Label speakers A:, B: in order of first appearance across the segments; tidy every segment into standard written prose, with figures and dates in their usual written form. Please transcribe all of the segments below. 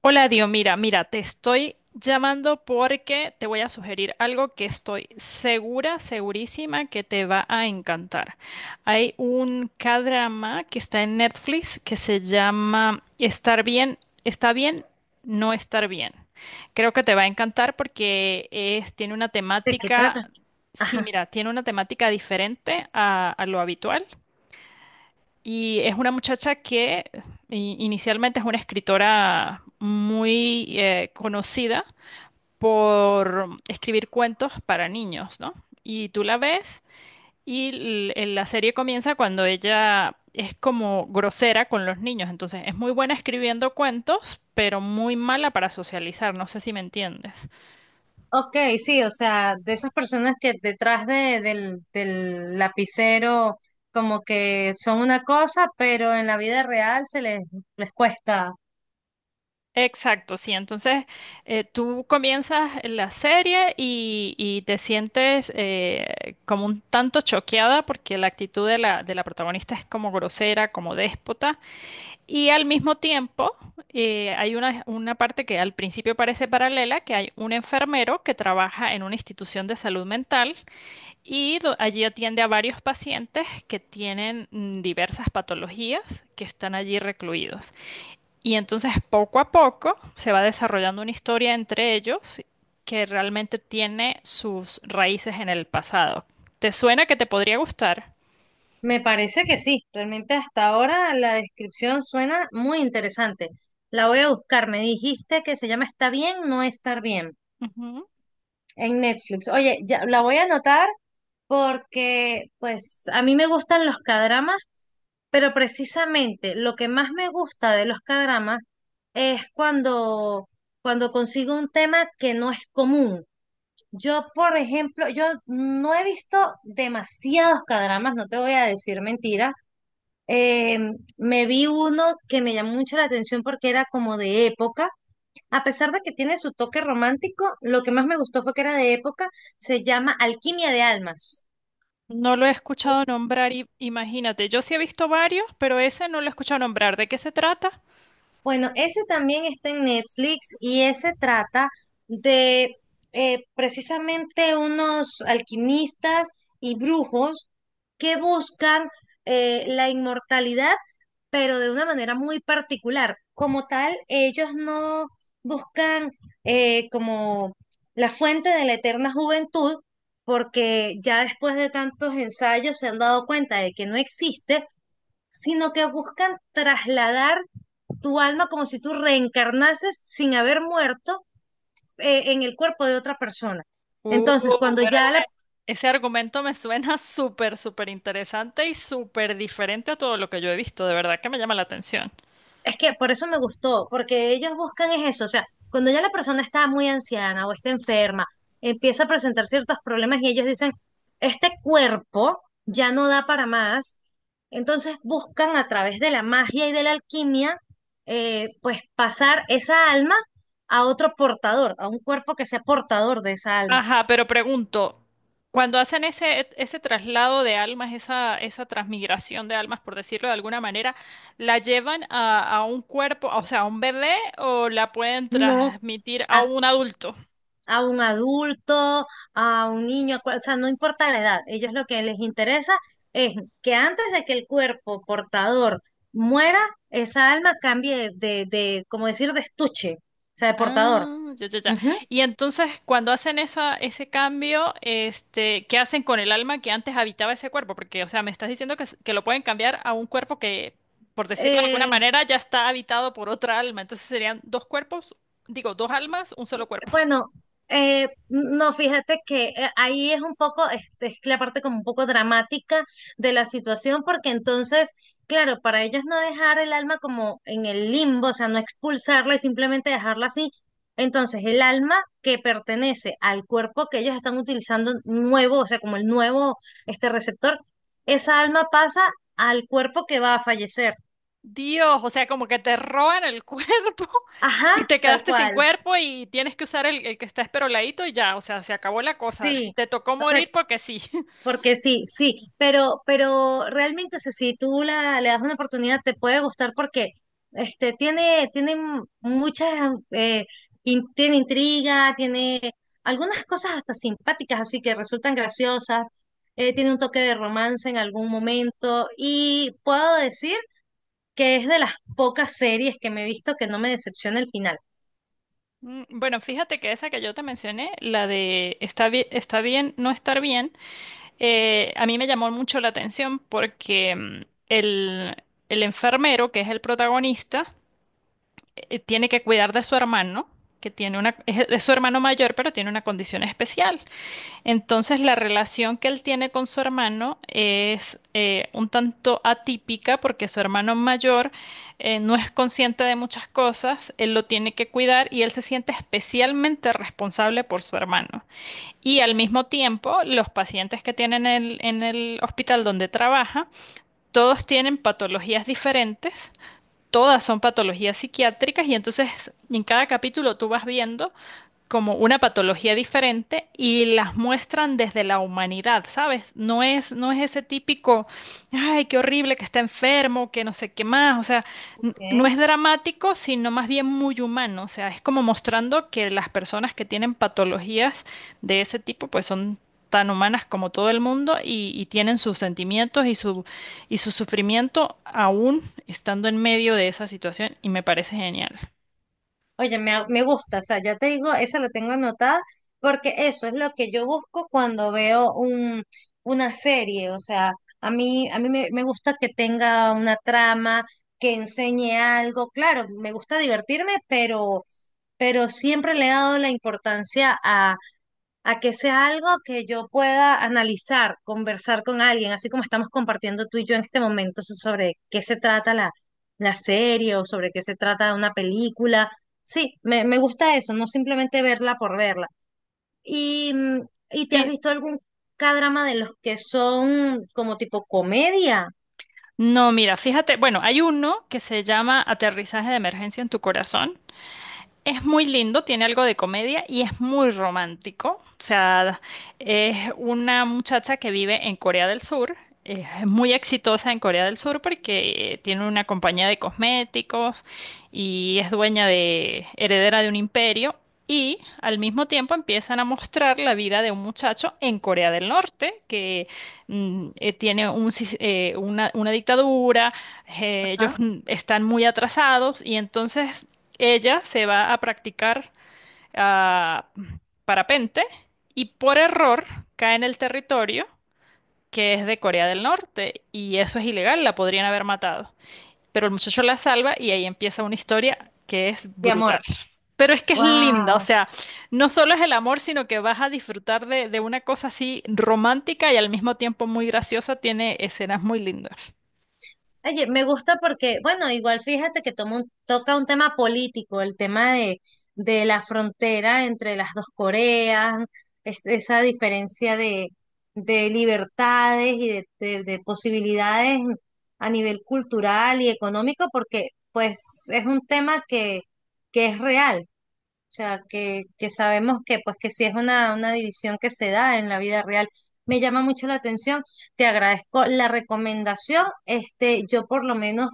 A: Hola, Dio, mira, te estoy llamando porque te voy a sugerir algo que estoy segurísima que te va a encantar. Hay un k que está en Netflix que se llama Estar bien, está bien, no estar bien. Creo que te va a encantar porque tiene una
B: ¿De qué
A: temática,
B: trata?
A: sí,
B: Ajá.
A: mira, tiene una temática diferente a lo habitual. Y es una muchacha que inicialmente es una escritora muy conocida por escribir cuentos para niños, ¿no? Y tú la ves y la serie comienza cuando ella es como grosera con los niños. Entonces es muy buena escribiendo cuentos, pero muy mala para socializar. ¿No sé si me entiendes?
B: Ok, sí, o sea, de esas personas que detrás del lapicero como que son una cosa, pero en la vida real les cuesta.
A: Exacto, sí. Entonces, tú comienzas la serie y te sientes como un tanto choqueada porque la actitud de la protagonista es como grosera, como déspota. Y al mismo tiempo, hay una parte que al principio parece paralela, que hay un enfermero que trabaja en una institución de salud mental y allí atiende a varios pacientes que tienen diversas patologías que están allí recluidos. Y entonces poco a poco se va desarrollando una historia entre ellos que realmente tiene sus raíces en el pasado. ¿Te suena que te podría gustar?
B: Me parece que sí, realmente hasta ahora la descripción suena muy interesante. La voy a buscar, me dijiste que se llama Está bien, no estar bien
A: Ujú.
B: en Netflix. Oye, ya la voy a anotar porque pues a mí me gustan los cadramas. Pero precisamente lo que más me gusta de los K-dramas es cuando consigo un tema que no es común. Yo, por ejemplo, yo no he visto demasiados K-dramas, no te voy a decir mentira. Eh, Me vi uno que me llamó mucho la atención porque era como de época. A pesar de que tiene su toque romántico, lo que más me gustó fue que era de época. Se llama Alquimia de Almas.
A: No lo he escuchado nombrar, imagínate. Yo sí he visto varios, pero ese no lo he escuchado nombrar. ¿De qué se trata?
B: Bueno, ese también está en Netflix y ese trata de precisamente unos alquimistas y brujos que buscan la inmortalidad, pero de una manera muy particular. Como tal, ellos no buscan como la fuente de la eterna juventud, porque ya después de tantos ensayos se han dado cuenta de que no existe, sino que buscan trasladar tu alma como si tú reencarnases sin haber muerto, en el cuerpo de otra persona.
A: Uh,
B: Entonces, cuando
A: pero
B: ya la...
A: ese argumento me suena súper interesante y súper diferente a todo lo que yo he visto. De verdad que me llama la atención.
B: Es que por eso me gustó, porque ellos buscan es eso, o sea, cuando ya la persona está muy anciana o está enferma, empieza a presentar ciertos problemas y ellos dicen, este cuerpo ya no da para más, entonces buscan a través de la magia y de la alquimia, pues pasar esa alma a otro portador, a un cuerpo que sea portador de esa alma,
A: Ajá, pero pregunto, cuando hacen ese traslado de almas, esa transmigración de almas, por decirlo de alguna manera, ¿la llevan a un cuerpo, o sea, a un bebé o la pueden
B: no
A: transmitir a
B: a
A: un adulto?
B: un adulto, a un niño, o sea, no importa la edad, ellos lo que les interesa es que antes de que el cuerpo portador muera, esa alma cambie de, como decir, de estuche, o sea, de portador.
A: Ah, ya, ya, ya.
B: Ujú.
A: Y entonces, cuando hacen ese cambio, este, ¿qué hacen con el alma que antes habitaba ese cuerpo? Porque, o sea, me estás diciendo que, que lo pueden cambiar a un cuerpo que, por decirlo de alguna
B: Eh,
A: manera, ya está habitado por otra alma. Entonces serían dos cuerpos, digo, dos almas, un solo cuerpo.
B: Bueno, no, fíjate que ahí es un poco, este, es la parte como un poco dramática de la situación, porque entonces, claro, para ellos no dejar el alma como en el limbo, o sea, no expulsarla y simplemente dejarla así. Entonces, el alma que pertenece al cuerpo que ellos están utilizando nuevo, o sea, como el nuevo, este receptor, esa alma pasa al cuerpo que va a fallecer.
A: Dios, o sea, como que te roban el cuerpo
B: Ajá,
A: y te
B: tal
A: quedaste sin
B: cual.
A: cuerpo y tienes que usar el que está esperoladito y ya, o sea, se acabó la cosa.
B: Sí.
A: Te tocó
B: O sea.
A: morir porque sí.
B: Porque sí, pero realmente o sea, si le das una oportunidad te puede gustar porque este, tiene muchas, eh, tiene intriga, tiene algunas cosas hasta simpáticas, así que resultan graciosas, tiene un toque de romance en algún momento y puedo decir que es de las pocas series que me he visto que no me decepciona el final.
A: Mm, bueno, fíjate que esa que yo te mencioné, la de está bien no estar bien, a mí me llamó mucho la atención porque el, el enfermero, que es el protagonista, tiene que cuidar de su hermano, que tiene una, es su hermano mayor, pero tiene una condición especial. Entonces, la relación que él tiene con su hermano es un tanto atípica porque su hermano mayor, no es consciente de muchas cosas, él lo tiene que cuidar y él se siente especialmente responsable por su hermano. Y al mismo tiempo, los pacientes que tienen en el hospital donde trabaja, todos tienen patologías diferentes. Todas son patologías psiquiátricas y entonces en cada capítulo tú vas viendo como una patología diferente y las muestran desde la humanidad, ¿sabes? No es ese típico, ay, qué horrible que está enfermo, que no sé qué más, o sea, no
B: ¿Ok?
A: es dramático, sino más bien muy humano, o sea, es como mostrando que las personas que tienen patologías de ese tipo, pues son tan humanas como todo el mundo y tienen sus sentimientos y y su sufrimiento aún estando en medio de esa situación y me parece genial.
B: Oye, me gusta, o sea, ya te digo, esa la tengo anotada porque eso es lo que yo busco cuando veo una serie, o sea, a mí me gusta que tenga una trama, que enseñe algo, claro, me gusta divertirme, pero siempre le he dado la importancia a que sea algo que yo pueda analizar, conversar con alguien, así como estamos compartiendo tú y yo en este momento sobre qué se trata la serie o sobre qué se trata una película. Sí, me gusta eso, no simplemente verla por verla. ¿Y, mm, ¿y te has
A: Sí.
B: visto algún K-drama de los que son como tipo comedia?
A: No, mira, fíjate, bueno, hay uno que se llama Aterrizaje de Emergencia en tu Corazón. Es muy lindo, tiene algo de comedia y es muy romántico. O sea, es una muchacha que vive en Corea del Sur. Es muy exitosa en Corea del Sur porque, tiene una compañía de cosméticos y es dueña de, heredera de un imperio. Y al mismo tiempo empiezan a mostrar la vida de un muchacho en Corea del Norte que, tiene un una dictadura, ellos
B: Ajá.
A: están muy atrasados y entonces ella se va a practicar, ah, parapente y por error cae en el territorio que es de Corea del Norte y eso es ilegal, la podrían haber matado. Pero el muchacho la salva y ahí empieza una historia que es
B: De
A: brutal.
B: amor.
A: Pero es que es linda, o
B: ¡Wow!
A: sea, no solo es el amor, sino que vas a disfrutar de una cosa así romántica y al mismo tiempo muy graciosa, tiene escenas muy lindas.
B: Oye, me gusta porque, bueno, igual fíjate que toca un tema político, el tema de la frontera entre las dos Coreas, esa diferencia de libertades y de posibilidades a nivel cultural y económico, porque pues es un tema que es real. O sea, que sabemos que, pues, que sí es una división que se da en la vida real. Me llama mucho la atención. Te agradezco la recomendación. Este, yo por lo menos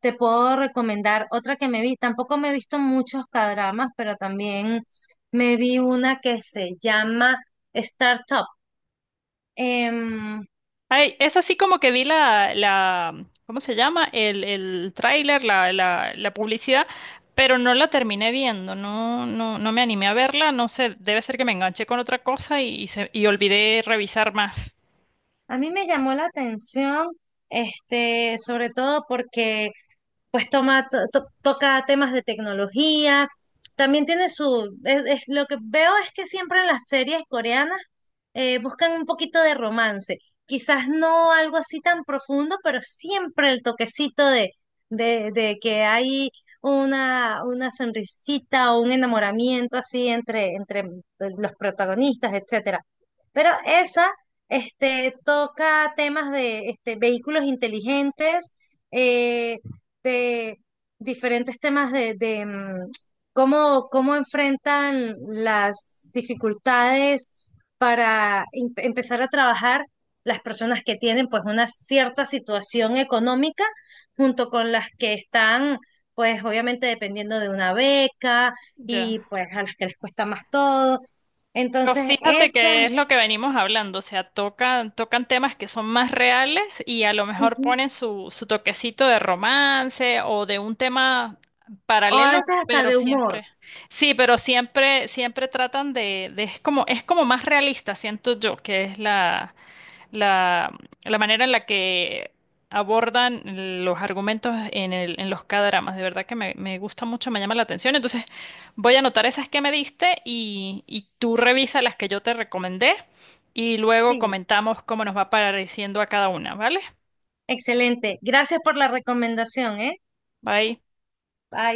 B: te puedo recomendar otra que me vi. Tampoco me he visto muchos cadramas, pero también me vi una que se llama Startup. Em,
A: Ay, es así como que vi ¿cómo se llama? El tráiler, la publicidad, pero no la terminé viendo, no, no, no me animé a verla, no sé, debe ser que me enganché con otra cosa y, se, y olvidé revisar más.
B: a mí me llamó la atención, este, sobre todo porque pues toca temas de tecnología. También tiene lo que veo es que siempre en las series coreanas buscan un poquito de romance. Quizás no algo así tan profundo, pero siempre el toquecito de que hay una sonrisita o un enamoramiento así entre los protagonistas, etcétera. Pero esa, este, toca temas de este, vehículos inteligentes. eh, de diferentes temas de, cómo enfrentan las dificultades para empezar a trabajar las personas que tienen pues una cierta situación económica junto con las que están pues obviamente dependiendo de una beca
A: Ya.
B: y pues a las que les cuesta más todo.
A: Pero
B: Entonces,
A: fíjate
B: esa,
A: que es lo que venimos hablando, o sea, tocan, tocan temas que son más reales y a lo mejor
B: ujú,
A: ponen su toquecito de romance o de un tema
B: o a
A: paralelo,
B: veces hasta
A: pero
B: de humor,
A: siempre, sí, pero siempre, siempre tratan es como más realista, siento yo, que es la, la manera en la que abordan los argumentos en en los K-dramas. De verdad que me gusta mucho, me llama la atención. Entonces voy a anotar esas que me diste y tú revisa las que yo te recomendé y luego
B: sí,
A: comentamos cómo nos va pareciendo a cada una, ¿vale?
B: excelente. Gracias por la recomendación, ¿eh?
A: Bye.
B: Bye.